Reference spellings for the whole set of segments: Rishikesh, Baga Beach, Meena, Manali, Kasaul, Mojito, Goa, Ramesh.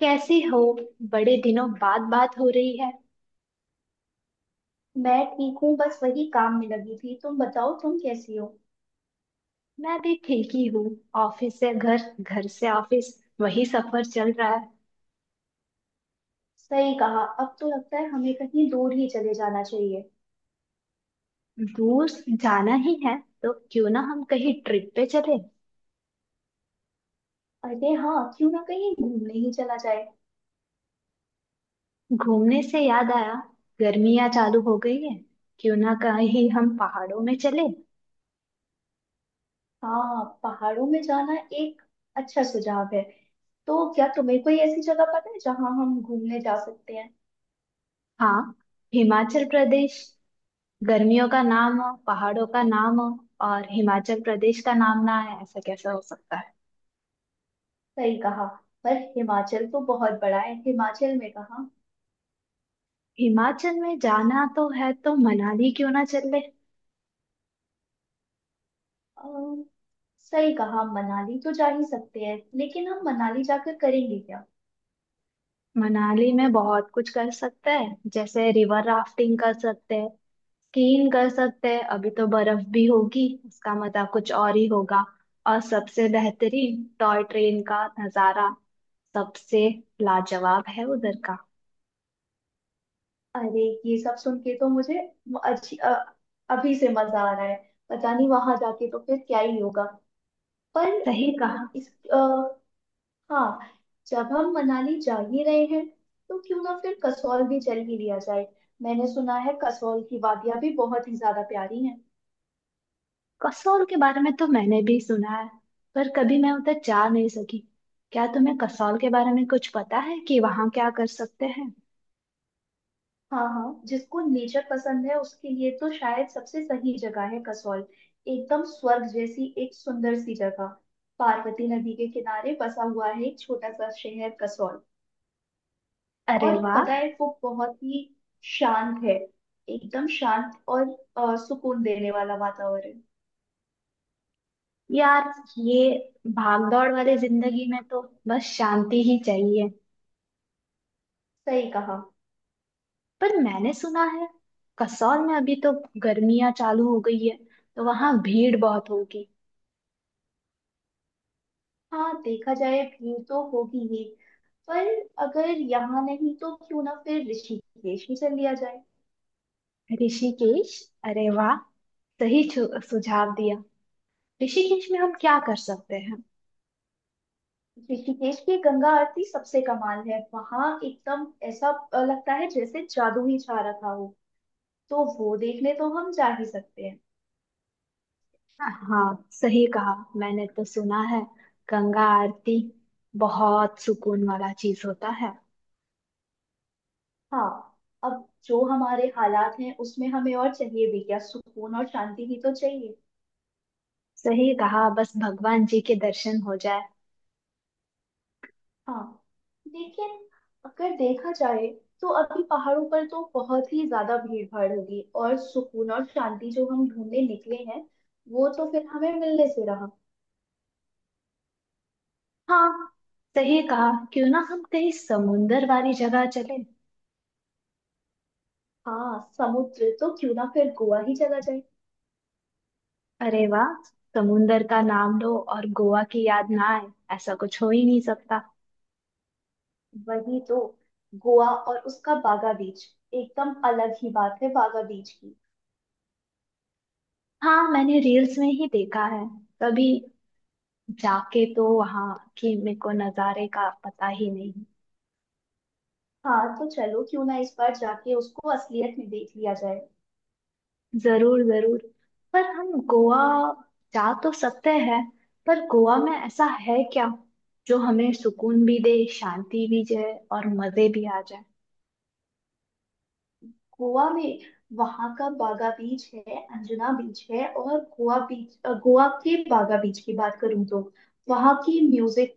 कैसे हो। बड़े दिनों बाद बात हो रही है। मैं ठीक हूँ। बस वही काम में लगी थी। तुम बताओ, तुम कैसी हो? मैं भी ठीक ही हूँ। ऑफिस से घर, घर से ऑफिस, वही सफर चल रहा है। सही कहा, अब तो लगता है हमें कहीं दूर ही चले जाना चाहिए। दूर जाना ही है तो क्यों ना हम कहीं ट्रिप पे चले। अरे हाँ, क्यों ना कहीं घूमने ही चला जाए। घूमने से याद आया, गर्मियाँ चालू हो गई है, क्यों ना कहीं हम पहाड़ों में चले। हाँ, पहाड़ों में जाना एक अच्छा सुझाव है। तो क्या तुम्हें कोई ऐसी जगह पता है जहाँ हम घूमने जा सकते हैं? हाँ, हिमाचल प्रदेश। गर्मियों का नाम हो, पहाड़ों का नाम हो, और हिमाचल प्रदेश का नाम ना है, ऐसा कैसा हो सकता है। सही कहा, पर हिमाचल तो बहुत बड़ा है, हिमाचल में कहाँ? हिमाचल में जाना तो है तो मनाली क्यों ना चल ले। अम, सही कहा, मनाली तो जा ही सकते हैं, लेकिन हम मनाली जाकर करेंगे क्या? मनाली में बहुत कुछ कर सकते हैं, जैसे रिवर राफ्टिंग कर सकते हैं, स्कीइंग कर सकते हैं, अभी तो बर्फ भी होगी, उसका मजा कुछ और ही होगा। और सबसे बेहतरीन टॉय ट्रेन का नजारा, सबसे लाजवाब है उधर का। अरे, ये सब सुन के तो मुझे अच्छी अभी से मजा आ रहा है। पता नहीं वहां जाके तो फिर क्या ही होगा। पर सही कहा। इस हाँ, जब हम मनाली जा ही रहे हैं, तो क्यों ना फिर कसौल भी चल ही लिया जाए। मैंने सुना है कसौल की वादियां भी बहुत ही ज्यादा प्यारी हैं। कसौल के बारे में तो मैंने भी सुना है, पर कभी मैं उधर जा नहीं सकी। क्या तुम्हें कसौल के बारे में कुछ पता है कि वहाँ क्या कर सकते हैं। हाँ हाँ, जिसको नेचर पसंद है उसके लिए तो शायद सबसे सही जगह है कसौल। एकदम स्वर्ग जैसी एक सुंदर सी जगह। पार्वती नदी के किनारे बसा हुआ है एक छोटा सा शहर कसौल। अरे और वाह। पता है, वो बहुत ही शांत है। एकदम शांत और सुकून देने वाला वातावरण। यार, ये भागदौड़ वाली जिंदगी में तो बस शांति ही चाहिए। सही कहा। पर मैंने सुना है कसौल में अभी तो गर्मियां चालू हो गई है, तो वहां भीड़ बहुत होगी। हाँ, देखा जाए भीड़ तो होगी ही, पर अगर यहाँ नहीं तो क्यों ना फिर ऋषिकेश ही चल लिया जाए। ऋषिकेश, अरे वाह, सही सुझाव दिया। ऋषिकेश में हम क्या कर सकते हैं। ऋषिकेश की गंगा आरती सबसे कमाल है। वहां एकदम ऐसा लगता है जैसे जादू ही छा रखा हो। तो वो देखने तो हम जा ही सकते हैं। हाँ सही कहा। मैंने तो सुना है गंगा आरती बहुत सुकून वाला चीज होता है। हाँ, अब जो हमारे हालात हैं उसमें हमें और चाहिए भी क्या, सुकून और शांति ही तो चाहिए। सही कहा, बस भगवान जी के दर्शन हो जाए। हाँ, लेकिन अगर देखा जाए, तो अभी पहाड़ों पर तो बहुत ही ज्यादा भीड़ भाड़ होगी, और सुकून और शांति जो हम ढूंढने निकले हैं, वो तो फिर हमें मिलने से रहा। हाँ सही कहा, क्यों ना हम कहीं समुंदर वाली जगह चले। हाँ, समुद्र तो क्यों ना फिर गोवा ही चला जाए। अरे वाह, समुंदर का नाम लो और गोवा की याद ना आए, ऐसा कुछ हो ही नहीं सकता। वही तो, गोवा और उसका बागा बीच। एकदम अलग ही बात है बागा बीच की। हाँ, मैंने रील्स में ही देखा है, कभी जाके तो वहाँ की मेरे को नज़ारे का पता ही नहीं। हाँ, तो चलो क्यों ना इस बार जाके उसको असलियत में देख लिया जाए। जरूर जरूर। पर हम गोवा जा तो सकते हैं, पर गोवा में ऐसा है क्या जो हमें सुकून भी दे, शांति भी दे, और मजे भी आ जाए। गोवा में वहां का बागा बीच है, अंजुना बीच है और गोवा बीच, गोवा के बागा बीच की बात करूँ तो वहां की म्यूजिक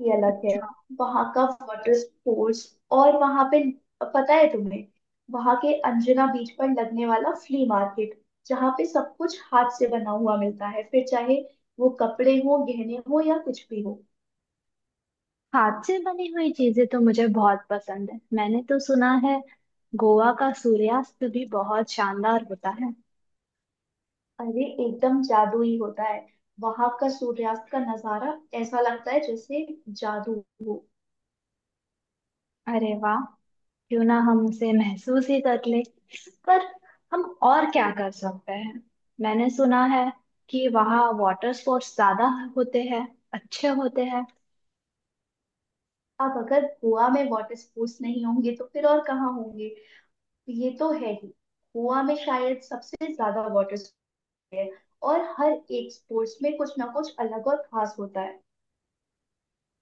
ही अलग है। अच्छा। वहां का वाटर स्पोर्ट्स, और वहां पे, पता है तुम्हें, वहां के अंजुना बीच पर लगने वाला फ्ली मार्केट, जहाँ पे सब कुछ हाथ से बना हुआ मिलता है, फिर चाहे वो कपड़े हो, गहने हो या कुछ भी हो। हाथ से बनी हुई चीजें तो मुझे बहुत पसंद है। मैंने तो सुना है गोवा का सूर्यास्त भी बहुत शानदार होता है। अरे, एकदम जादू ही होता है वहां का सूर्यास्त का नजारा। ऐसा लगता है जैसे जादू हो। अरे वाह, क्यों ना हम उसे महसूस ही कर ले। पर हम और क्या कर सकते हैं। मैंने सुना है कि वहाँ वाटर स्पोर्ट्स ज्यादा होते हैं, अच्छे होते हैं। अब अगर गोवा में वाटर स्पोर्ट्स नहीं होंगे तो फिर और कहाँ होंगे। तो ये तो है ही, गोवा में शायद सबसे ज्यादा वाटर स्पोर्ट्स है, और हर एक स्पोर्ट्स में कुछ ना कुछ अलग और खास होता है।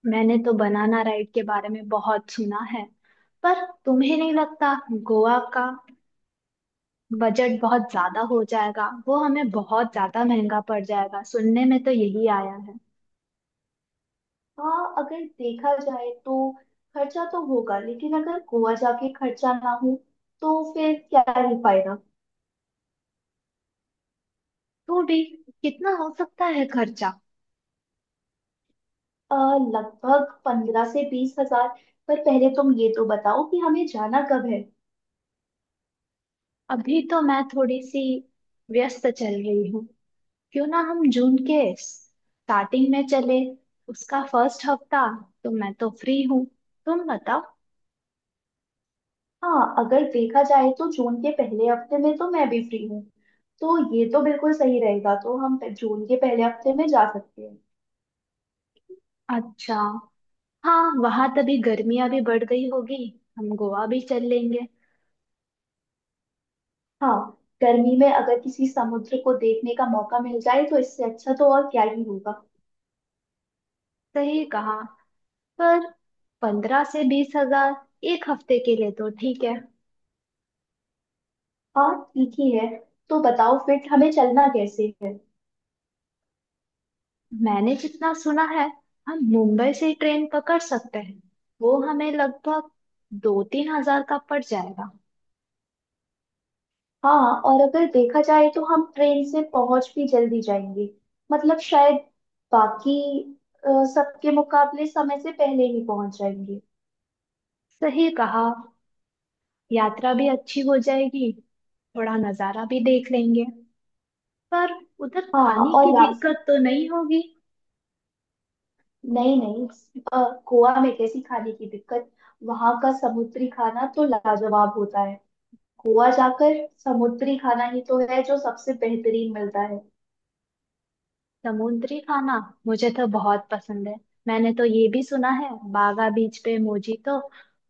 मैंने तो बनाना राइड के बारे में बहुत सुना है। पर तुम्हें नहीं लगता गोवा का बजट बहुत ज्यादा हो जाएगा, वो हमें बहुत ज्यादा महंगा पड़ जाएगा, सुनने में तो यही आया है। हाँ, अगर देखा जाए तो खर्चा तो होगा, लेकिन अगर गोवा जाके खर्चा ना हो, तो फिर क्या ही फायदा। तो भी कितना हो सकता है खर्चा। लगभग 15 से 20 हजार। पर पहले तुम ये तो बताओ कि हमें जाना कब है। अभी तो मैं थोड़ी सी व्यस्त चल रही हूँ, क्यों ना हम जून के स्टार्टिंग में चले। उसका फर्स्ट हफ्ता तो मैं तो फ्री हूँ, तुम बताओ। हाँ, अगर देखा जाए तो जून के पहले हफ्ते में तो मैं भी फ्री हूँ। तो ये तो बिल्कुल सही रहेगा। तो हम जून के पहले हफ्ते में जा सकते हैं। अच्छा, हाँ, वहां तभी गर्मियां भी बढ़ गई होगी, हम गोवा भी चल लेंगे। हाँ, गर्मी में अगर किसी समुद्र को देखने का मौका मिल जाए तो इससे अच्छा तो और क्या ही होगा। सही कहा। पर 15 से 20 हजार एक हफ्ते के लिए तो ठीक है। हाँ, ठीक ही है। तो बताओ फिर हमें चलना कैसे है। मैंने जितना सुना है, हम मुंबई से ट्रेन पकड़ सकते हैं, वो हमें लगभग 2 3 हजार का पड़ जाएगा। हाँ, और अगर देखा जाए तो हम ट्रेन से पहुंच भी जल्दी जाएंगे। मतलब शायद बाकी अ, सबके मुकाबले समय से पहले ही पहुंच जाएंगे। सही कहा, यात्रा भी अच्छी हो जाएगी, थोड़ा नज़ारा भी देख लेंगे। पर उधर हाँ, खाने की और रास्ते, दिक्कत तो नहीं होगी। नहीं नहीं, अ, गोवा में कैसी खाने की दिक्कत। वहां का समुद्री खाना तो लाजवाब होता है। गोवा जाकर समुद्री खाना ही तो है जो सबसे बेहतरीन मिलता है। समुद्री खाना मुझे तो बहुत पसंद है। मैंने तो ये भी सुना है बागा बीच पे मोजीतो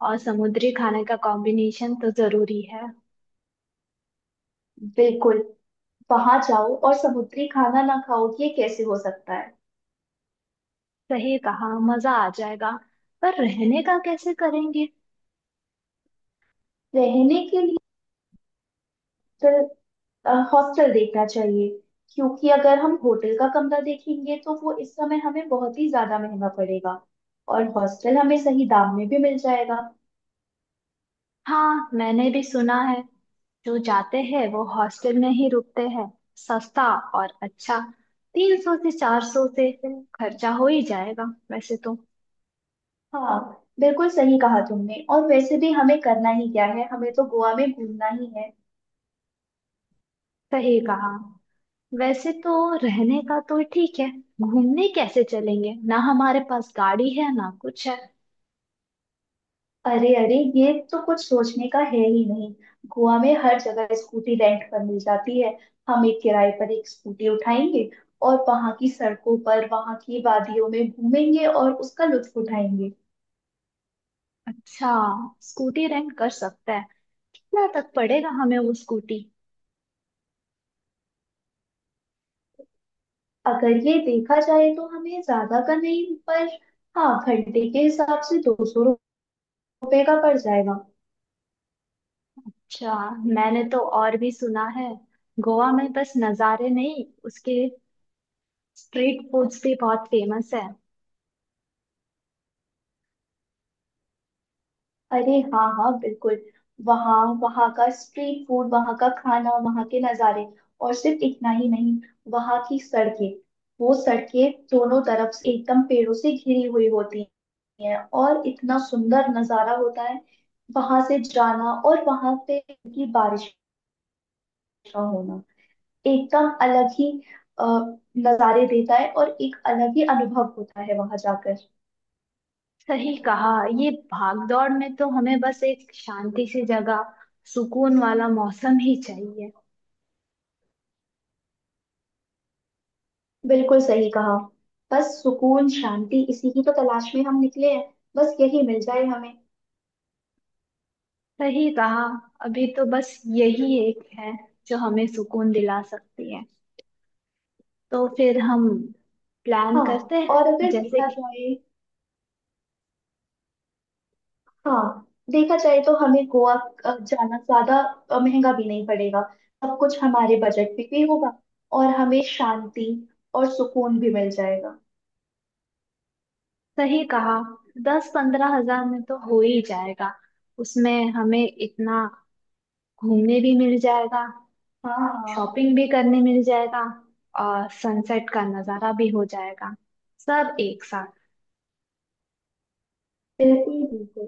और समुद्री खाने का कॉम्बिनेशन तो जरूरी है। बिल्कुल, वहां जाओ और समुद्री खाना ना खाओ, ये कैसे हो सकता है। सही कहा, मजा आ जाएगा। पर रहने का कैसे करेंगे। रहने के लिए हॉस्टल, हॉस्टल देखना चाहिए, क्योंकि अगर हम होटल का कमरा देखेंगे तो वो इस समय हमें बहुत ही ज्यादा महंगा पड़ेगा, और हॉस्टल हमें सही दाम में भी मिल जाएगा। हाँ मैंने भी सुना है, जो जाते हैं वो हॉस्टल में ही रुकते हैं, सस्ता और अच्छा। 300 से 400 से खर्चा हो ही जाएगा वैसे तो। हाँ, बिल्कुल सही कहा तुमने, और वैसे भी हमें करना ही क्या है, हमें तो गोवा में घूमना ही है। सही कहा, वैसे तो रहने का तो ठीक है। घूमने कैसे चलेंगे, ना हमारे पास गाड़ी है ना कुछ है। अरे अरे, ये तो कुछ सोचने का है ही नहीं। गोवा में हर जगह स्कूटी रेंट पर मिल जाती है। हम एक किराए पर एक स्कूटी उठाएंगे, और वहां की सड़कों पर, वहां की वादियों में घूमेंगे और उसका लुत्फ उठाएंगे। अच्छा, स्कूटी रेंट कर सकते हैं। कितना तक पड़ेगा हमें वो स्कूटी। अगर ये देखा जाए तो हमें ज्यादा का नहीं पर, हाँ, घंटे के हिसाब से 200 रुपये का पड़ जाएगा। अच्छा, मैंने तो और भी सुना है गोवा में बस नज़ारे नहीं, उसके स्ट्रीट फूड से बहुत फेमस है। अरे हाँ हाँ, बिल्कुल। वहाँ, वहाँ का स्ट्रीट फूड, वहाँ का खाना, वहाँ के नज़ारे, और सिर्फ इतना ही नहीं, वहाँ की सड़कें, वो सड़कें दोनों तरफ से एकदम पेड़ों से घिरी हुई होती हैं, और इतना सुंदर नज़ारा होता है। वहां से जाना और वहां पे की बारिश का होना एकदम अलग ही अ, नज़ारे देता है, और एक अलग ही अनुभव होता है वहां जाकर। सही कहा, ये भागदौड़ में तो हमें बस एक शांति सी जगह, सुकून वाला मौसम ही चाहिए। बिल्कुल सही कहा, बस सुकून शांति इसी की तो तलाश में हम निकले हैं। बस यही मिल जाए हमें। सही कहा, अभी तो बस यही एक है जो हमें सुकून दिला सकती है, तो फिर हम प्लान हाँ, करते हैं। और अगर जैसे देखा कि। जाए, हाँ, देखा जाए तो हमें गोवा जाना ज्यादा महंगा भी नहीं पड़ेगा। सब कुछ हमारे बजट में भी होगा, और हमें शांति और सुकून भी मिल जाएगा। सही कहा, 10 15 हजार में तो हो ही जाएगा। उसमें हमें इतना घूमने भी मिल जाएगा, हाँ हाँ। शॉपिंग भी करने मिल जाएगा, और सनसेट का नज़ारा भी हो जाएगा, सब एक साथ। बिल्कुल बिल्कुल,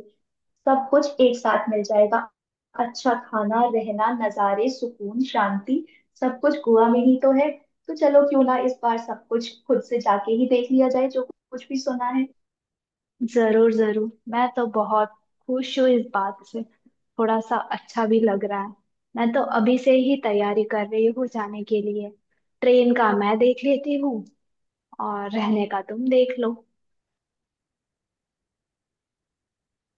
सब कुछ एक साथ मिल जाएगा। अच्छा खाना, रहना, नज़ारे, सुकून, शांति, सब कुछ गोवा में ही तो है। तो चलो क्यों ना इस बार सब कुछ खुद से जाके ही देख लिया जाए जो कुछ भी सुना है। जरूर जरूर, मैं तो बहुत खुश हूँ इस बात से, थोड़ा सा अच्छा भी लग रहा है। मैं तो अभी से ही तैयारी कर रही हूँ जाने के लिए। ट्रेन का मैं देख लेती हूँ और रहने का तुम देख लो।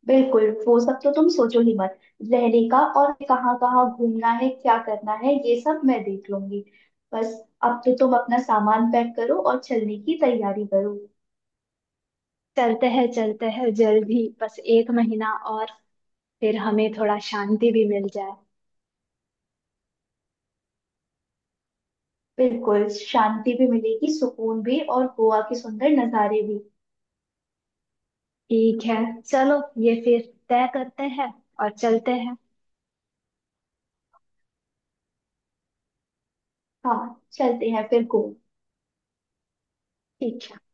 बिल्कुल, वो सब तो तुम सोचो ही मत। रहने का और कहाँ कहाँ घूमना है, क्या करना है, ये सब मैं देख लूंगी। बस, अब तो तुम अपना सामान पैक करो और चलने की तैयारी करो। चलते हैं जल्द ही, बस एक महीना और, फिर हमें थोड़ा शांति भी मिल जाए। बिल्कुल, शांति भी मिलेगी, सुकून भी, और गोवा के सुंदर नज़ारे भी। ठीक है चलो, ये फिर तय करते हैं और चलते हैं। हाँ, चलते हैं फिर गोवा। ठीक है।